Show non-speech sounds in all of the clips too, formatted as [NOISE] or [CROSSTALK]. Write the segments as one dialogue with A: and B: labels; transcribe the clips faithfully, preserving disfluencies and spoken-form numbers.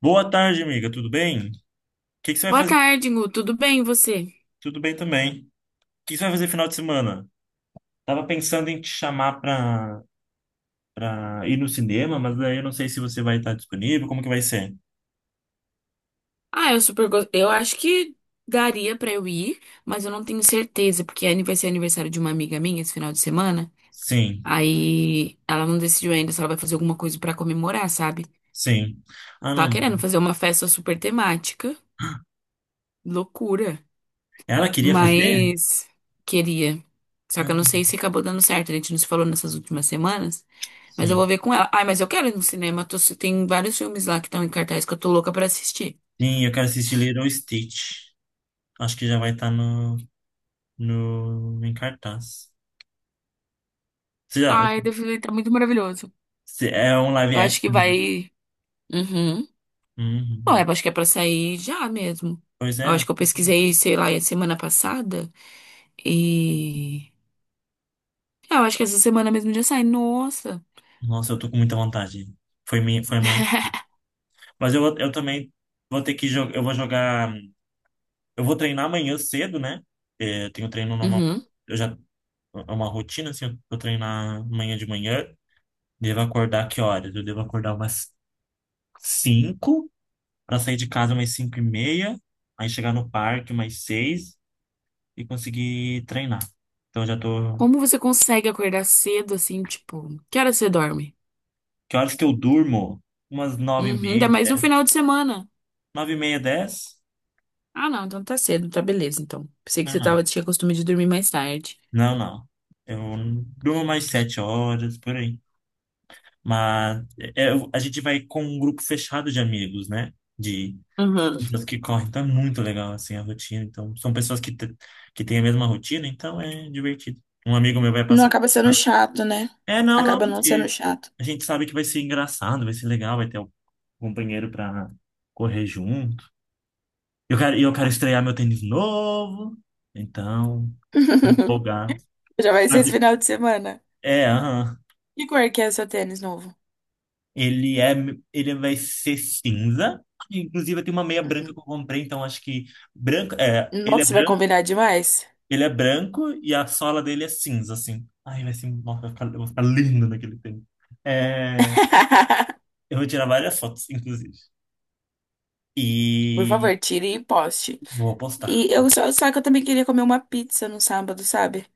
A: Boa tarde, amiga. Tudo bem? O que que você vai
B: Boa
A: fazer?
B: tarde, Gu. Tudo bem, e você?
A: Tudo bem também. O que que você vai fazer final de semana? Tava pensando em te chamar pra, pra ir no cinema, mas daí eu não sei se você vai estar disponível. Como que vai ser?
B: Ah, eu super gosto. Eu acho que daria pra eu ir, mas eu não tenho certeza, porque ani- vai ser aniversário de uma amiga minha esse final de semana.
A: Sim,
B: Aí ela não decidiu ainda se ela vai fazer alguma coisa pra comemorar, sabe?
A: sim. Ah,
B: Tava
A: não.
B: querendo fazer uma festa super temática, loucura,
A: Ela queria fazer?
B: mas queria. Só que
A: Ah,
B: eu não sei se acabou dando certo. A gente não se falou nessas últimas semanas, mas eu vou
A: sim.
B: ver com ela. Ai, mas eu quero ir no cinema. tô- Tem vários filmes lá que estão em cartaz que eu tô louca pra assistir.
A: Sim, eu quero assistir Lilo Stitch. Acho que já vai estar no, no, em cartaz. Você já,
B: Ai, deve estar muito maravilhoso.
A: se- é um live
B: Eu acho que
A: action, né?
B: vai. Uhum.
A: Uhum,
B: Bom,
A: nossa.
B: eu acho que é pra sair já mesmo.
A: Pois
B: Eu
A: é.
B: acho que eu pesquisei, sei lá, semana passada. E. É, eu acho que essa semana mesmo já sai. Nossa.
A: Nossa, eu tô com muita vontade. Foi minha, foi minha Mas eu, vou- eu também vou ter que jogar. Eu vou jogar. Eu vou treinar amanhã cedo, né? É, eu tenho treino normal.
B: Uhum.
A: Eu já. É uma rotina, assim. Eu vou treinar amanhã de manhã. Devo acordar que horas? Eu devo acordar umas cinco para sair de casa umas cinco e meia. Aí chegar no parque umas seis e conseguir treinar. Então eu já tô.
B: Como você consegue acordar cedo assim, tipo, que hora você dorme?
A: Que horas que eu durmo? Umas nove e
B: Uhum, ainda
A: meia,
B: mais no
A: dez.
B: final de semana.
A: nove e meia, dez
B: Ah, não, então tá cedo, tá beleza, então. Pensei que
A: Não,
B: você
A: não.
B: tava, tinha costume de dormir mais tarde.
A: Não, não. Eu durmo mais sete horas, por aí. Mas é- é- a gente vai com um grupo fechado de amigos, né? De
B: Uhum.
A: pessoas que correm. Então é muito legal, assim, a rotina. Então, são pessoas que, te- que têm a mesma rotina, então é divertido. Um amigo meu vai
B: Não
A: passar.
B: acaba sendo chato, né?
A: É, não, não,
B: Acaba não sendo
A: porque
B: chato.
A: a gente sabe que vai ser engraçado, vai ser legal, vai ter um companheiro pra correr junto. Eu quero, e eu quero estrear meu tênis novo, então,
B: [LAUGHS]
A: empolgado.
B: Já vai ser esse
A: Sabe?
B: final de semana.
A: É, aham.
B: Que cor que é o seu tênis novo?
A: Ele é, ele vai ser cinza. Inclusive, eu tenho uma meia branca que
B: Uhum.
A: eu comprei, então acho que branco, é, ele é
B: Nossa, vai
A: branco,
B: combinar demais.
A: ele é branco e a sola dele é cinza, assim. Ai, vai ser, nossa, vai ficar, eu vou ficar lindo naquele tempo. É,
B: [LAUGHS]
A: eu vou tirar várias fotos, inclusive.
B: Por
A: E
B: favor, tire e poste.
A: vou postar.
B: E eu só, só que eu também queria comer uma pizza no sábado, sabe?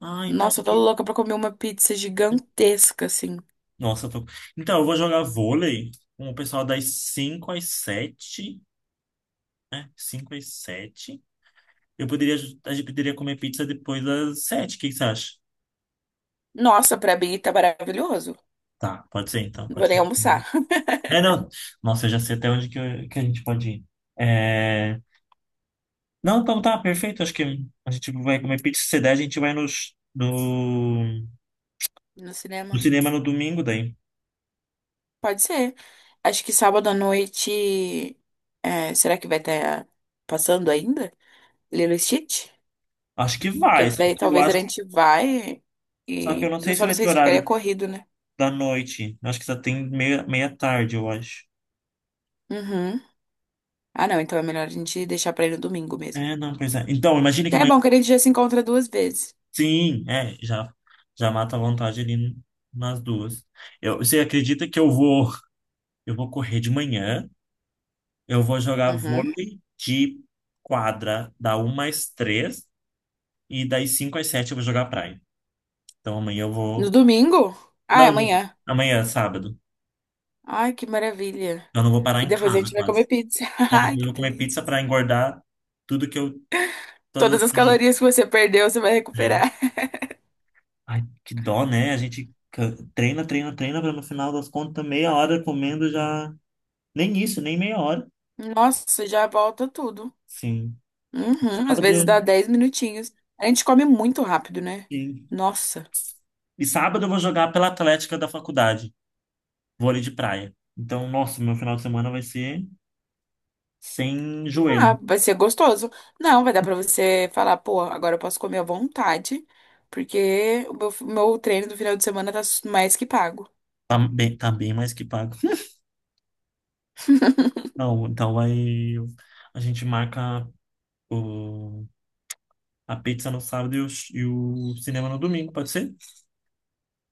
A: Ah, então
B: Nossa, eu tô
A: que
B: louca pra comer uma pizza gigantesca, assim.
A: Nossa, eu tô... Então, eu vou jogar vôlei com o pessoal das cinco às sete. Né? Cinco às sete. Eu poderia, a gente poderia comer pizza depois das sete. O que que você acha?
B: Nossa, pra mim tá maravilhoso.
A: Tá, pode ser então,
B: Não
A: pode
B: vou nem
A: ser.
B: almoçar. [LAUGHS]
A: É, não, nossa, eu já sei até onde que, eu- que a gente pode ir. É... Não, então tá, perfeito. Acho que a gente vai comer pizza. Se der, a gente vai nos, do,
B: No
A: do
B: cinema?
A: cinema no domingo daí.
B: Pode ser. Acho que sábado à noite. É, será que vai estar passando ainda? Lilo e Stitch?
A: Acho que vai,
B: Que
A: só
B: daí
A: que eu
B: talvez a
A: acho,
B: gente vai
A: só que eu
B: e.
A: não
B: Eu
A: sei se
B: só
A: vai
B: não
A: ter
B: sei se ficaria
A: horário
B: corrido, né?
A: da noite. Eu acho que só tem meia, meia tarde, eu acho.
B: Uhum. Ah, não, então é melhor a gente deixar pra ir no domingo mesmo.
A: É, não, pois é. Então, imagine que
B: É
A: amanhã.
B: bom que a gente já se encontra duas vezes.
A: Sim, é, já, já mata a vontade ali nas duas. Eu, você acredita que eu vou, eu vou correr de manhã? Eu vou jogar
B: Uhum.
A: vôlei de quadra da uma às três e das cinco às sete eu vou jogar praia. Então amanhã eu
B: No
A: vou.
B: domingo? Ah, é
A: Não,
B: amanhã.
A: amanhã, é sábado.
B: Ai, que maravilha.
A: Eu não vou parar
B: E
A: em
B: depois a
A: casa
B: gente vai comer
A: quase.
B: pizza. [LAUGHS]
A: Aí
B: Ai,
A: depois eu
B: que
A: vou comer
B: delícia.
A: pizza pra engordar tudo que eu. Todas
B: Todas
A: as
B: as
A: calorias,
B: calorias que você perdeu, você vai
A: né?
B: recuperar.
A: Ai, que dó, né? A gente ca- treina, treina, treina pra no final das contas, meia hora comendo já. Nem isso, nem meia hora.
B: Nossa, já volta tudo.
A: Sim.
B: Uhum. Às
A: Sábado
B: vezes dá
A: eu.
B: dez minutinhos. A gente come muito rápido, né?
A: Sim.
B: Nossa.
A: E sábado eu vou jogar pela Atlética da faculdade. Vôlei de praia. Então, nossa, meu final de semana vai ser sem joelho.
B: Ah, vai ser gostoso. Não, vai dar pra você falar, pô, agora eu posso comer à vontade, porque o meu, meu treino do final de semana tá mais que pago.
A: Tá bem, tá bem mais que pago. [LAUGHS] Não, então vai. A gente marca o, a pizza no sábado e o, e o cinema no domingo, pode ser?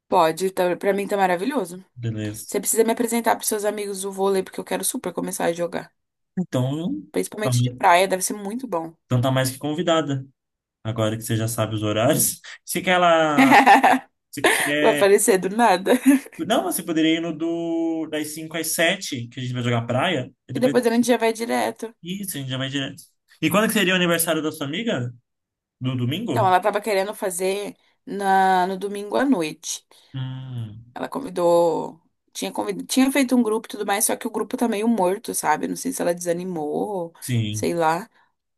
B: Pode, tá, pra mim tá maravilhoso.
A: Beleza.
B: Você precisa me apresentar pros seus amigos do vôlei, porque eu quero super começar a jogar.
A: Então, tá-
B: Principalmente de praia, deve ser muito bom.
A: então tá mais que convidada. Agora que você já sabe os horários. [LAUGHS] Se quer ela.
B: [LAUGHS]
A: Se
B: Vai
A: quer.
B: aparecer do nada.
A: Não, você poderia ir no do, das cinco às sete que a gente vai jogar praia. E
B: E
A: depois.
B: depois a gente já vai direto.
A: Isso, a gente já vai direto. E quando que seria o aniversário da sua amiga? Do
B: Então,
A: domingo?
B: ela tava querendo fazer na, no domingo à noite.
A: Hum,
B: Ela convidou. Tinha, convid... tinha feito um grupo e tudo mais, só que o grupo tá meio morto, sabe? Não sei se ela desanimou,
A: sim,
B: sei lá.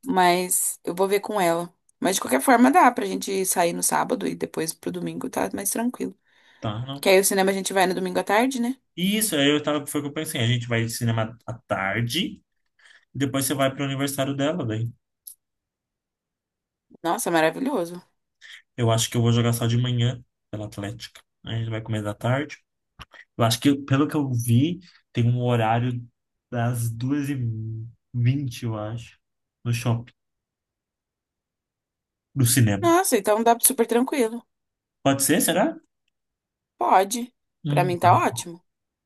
B: Mas eu vou ver com ela. Mas de qualquer forma dá pra gente sair no sábado e depois pro domingo tá mais tranquilo.
A: tá, não.
B: Que aí o cinema a gente vai no domingo à tarde, né?
A: E Isso, aí eu tava, foi o que eu pensei, a gente vai de cinema à tarde, depois você vai pro aniversário dela, daí.
B: Nossa, maravilhoso.
A: Eu acho que eu vou jogar só de manhã pela Atlética. Aí a gente vai comer da tarde. Eu acho que, pelo que eu vi, tem um horário das duas e vinte eu acho, no shopping, do cinema.
B: Nossa, então dá super tranquilo.
A: Pode ser, será?
B: Pode. Pra
A: Hum,
B: mim tá
A: não.
B: ótimo.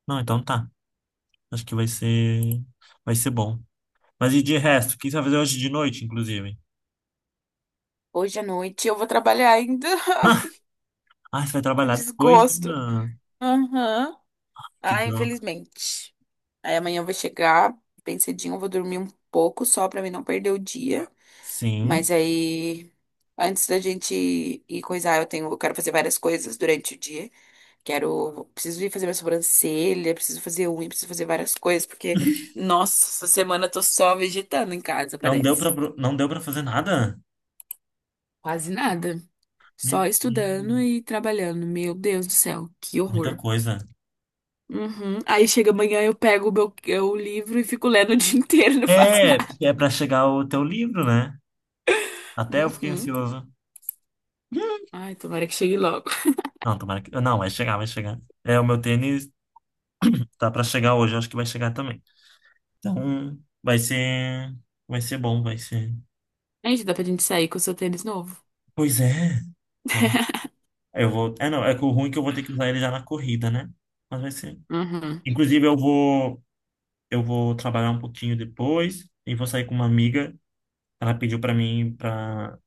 A: Não, então tá. Acho que vai ser, vai ser bom. Mas e de resto, o que você vai fazer hoje de noite, inclusive?
B: Hoje à noite eu vou trabalhar ainda.
A: [LAUGHS]
B: [LAUGHS]
A: Ah, você vai
B: Que
A: trabalhar depois?
B: desgosto.
A: Ainda?
B: Aham.
A: Que
B: Ah,
A: dó.
B: infelizmente. Aí amanhã eu vou chegar bem cedinho, eu vou dormir um pouco só pra mim não perder o dia. Mas
A: Sim.
B: aí, antes da gente ir coisar, eu tenho, eu quero fazer várias coisas durante o dia. Quero, preciso ir fazer minha sobrancelha, preciso fazer unha, preciso fazer várias coisas, porque, nossa, essa semana eu tô só vegetando em casa,
A: Não deu pra,
B: parece.
A: não deu pra fazer nada?
B: Quase nada.
A: Meu
B: Só estudando
A: Deus.
B: e trabalhando. Meu Deus do céu, que
A: Muita
B: horror.
A: coisa.
B: Uhum. Aí chega amanhã, eu pego o meu, o livro e fico lendo o dia [LAUGHS] inteiro, não faço
A: É,
B: nada.
A: porque é pra chegar o teu livro, né? Até eu fiquei
B: Uhum.
A: ansioso.
B: Ai, tomara que chegue logo.
A: Não, tomara que. Não, vai chegar, vai chegar. É, o meu tênis tá pra chegar hoje, eu acho que vai chegar também. Então, vai ser. Vai ser bom, vai ser.
B: Ai, gente, dá pra gente sair com o seu tênis novo.
A: Pois é. Não, eu vou. É, não, é que o ruim é que eu vou ter que usar ele já na corrida, né? Mas vai ser.
B: Uhum,
A: Inclusive, eu vou. Eu vou trabalhar um pouquinho depois e vou sair com uma amiga. Ela pediu para mim para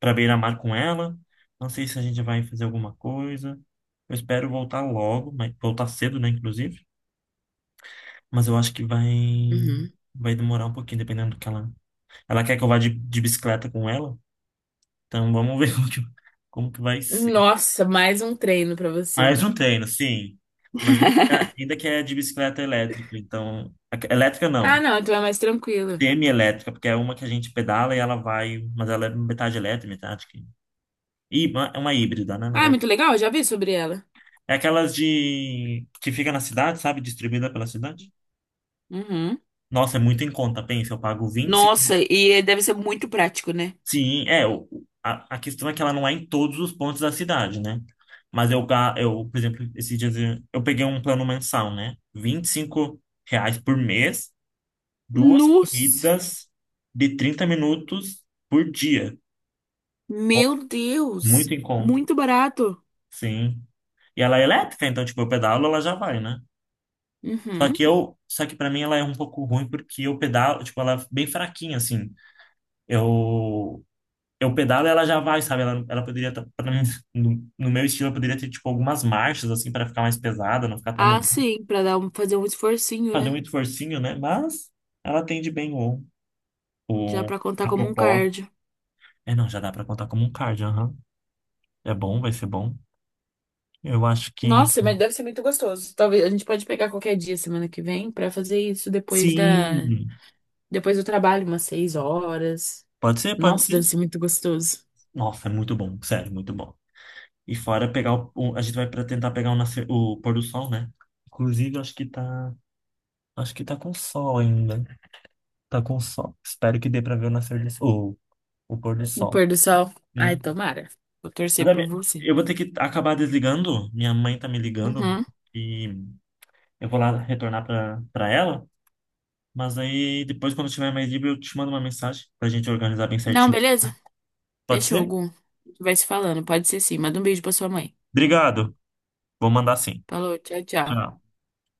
A: para beira-mar com ela. Não sei se a gente vai fazer alguma coisa. Eu espero voltar logo, mas voltar cedo, né, inclusive. Mas eu acho que vai
B: uhum.
A: vai demorar um pouquinho, dependendo do que ela. Ela quer que eu vá de, de bicicleta com ela. Então vamos [LAUGHS] ver como que, como que vai ser.
B: Nossa, mais um treino pra você.
A: Mais um treino, sim. Mas ainda, ainda que é de bicicleta elétrica, então. a- Elétrica
B: Ah,
A: não.
B: não, então é mais tranquila.
A: Semi-elétrica, porque é uma que a gente pedala e ela vai, mas ela é metade elétrica, metade que... Hí- É uma híbrida, né, na
B: Ah, é
A: verdade.
B: muito legal, eu já vi sobre ela.
A: É aquelas de... que fica na cidade, sabe? Distribuída pela cidade.
B: Uhum.
A: Nossa, é muito em conta, pensa, eu pago vinte e cinco...
B: Nossa, e deve ser muito prático, né?
A: Sim, é, o- o- a, a questão é que ela não é em todos os pontos da cidade, né? Mas eu, ga- eu, por exemplo, esses dias eu eu peguei um plano mensal, né? Vinte e cinco reais por mês, duas
B: Nossa,
A: corridas de trinta minutos por dia. Nossa,
B: meu Deus,
A: muito em conta.
B: muito barato.
A: Sim. E ela é elétrica, então, tipo, eu pedalo, ela já vai, né? Só
B: Uhum.
A: que eu, só que para mim ela é um pouco ruim porque eu pedalo, tipo, ela é bem fraquinha, assim. Eu, eu pedalo e ela já vai, sabe? Ela, ela poderia, tá- pra mim, no, no meu estilo, eu poderia ter, tipo, algumas marchas, assim, para ficar mais pesada, não ficar tão,
B: Ah, sim, pra dar um, fazer um esforcinho,
A: fazer
B: né?
A: muito forcinho, né? Mas ela atende bem o,
B: Já
A: o,
B: pra contar
A: a
B: como um
A: propósito.
B: cardio.
A: É, não, já dá pra contar como um cardio, aham. É bom, vai ser bom. Eu acho que,
B: Nossa, mas deve ser muito gostoso. Talvez a gente pode pegar qualquer dia semana que vem pra fazer isso depois da.
A: sim,
B: Depois eu trabalho umas seis horas.
A: pode ser, pode
B: Nossa, deve
A: ser.
B: ser muito gostoso.
A: Nossa, é muito bom, sério, muito bom. E fora pegar o, o- a gente vai para tentar pegar o, nascer, o pôr do sol, né? Inclusive, acho que tá, acho que tá com sol ainda. Tá com sol. Espero que dê para ver o nascer do sol, o o pôr do
B: O
A: sol.
B: pôr do sol. Ai,
A: Hum.
B: tomara. Vou
A: Mas,
B: torcer por
A: ami-
B: você.
A: Eu vou ter que acabar desligando. Minha mãe tá me ligando
B: Uhum.
A: e eu vou lá retornar para para ela. Mas aí depois, quando eu tiver mais livre, eu te mando uma mensagem pra gente organizar bem
B: Não,
A: certinho.
B: beleza?
A: Pode
B: Fechou,
A: ser?
B: Gu. A gente vai se falando. Pode ser sim. Manda um beijo pra sua mãe.
A: Obrigado. Vou mandar sim.
B: Falou, tchau, tchau.
A: Tchau.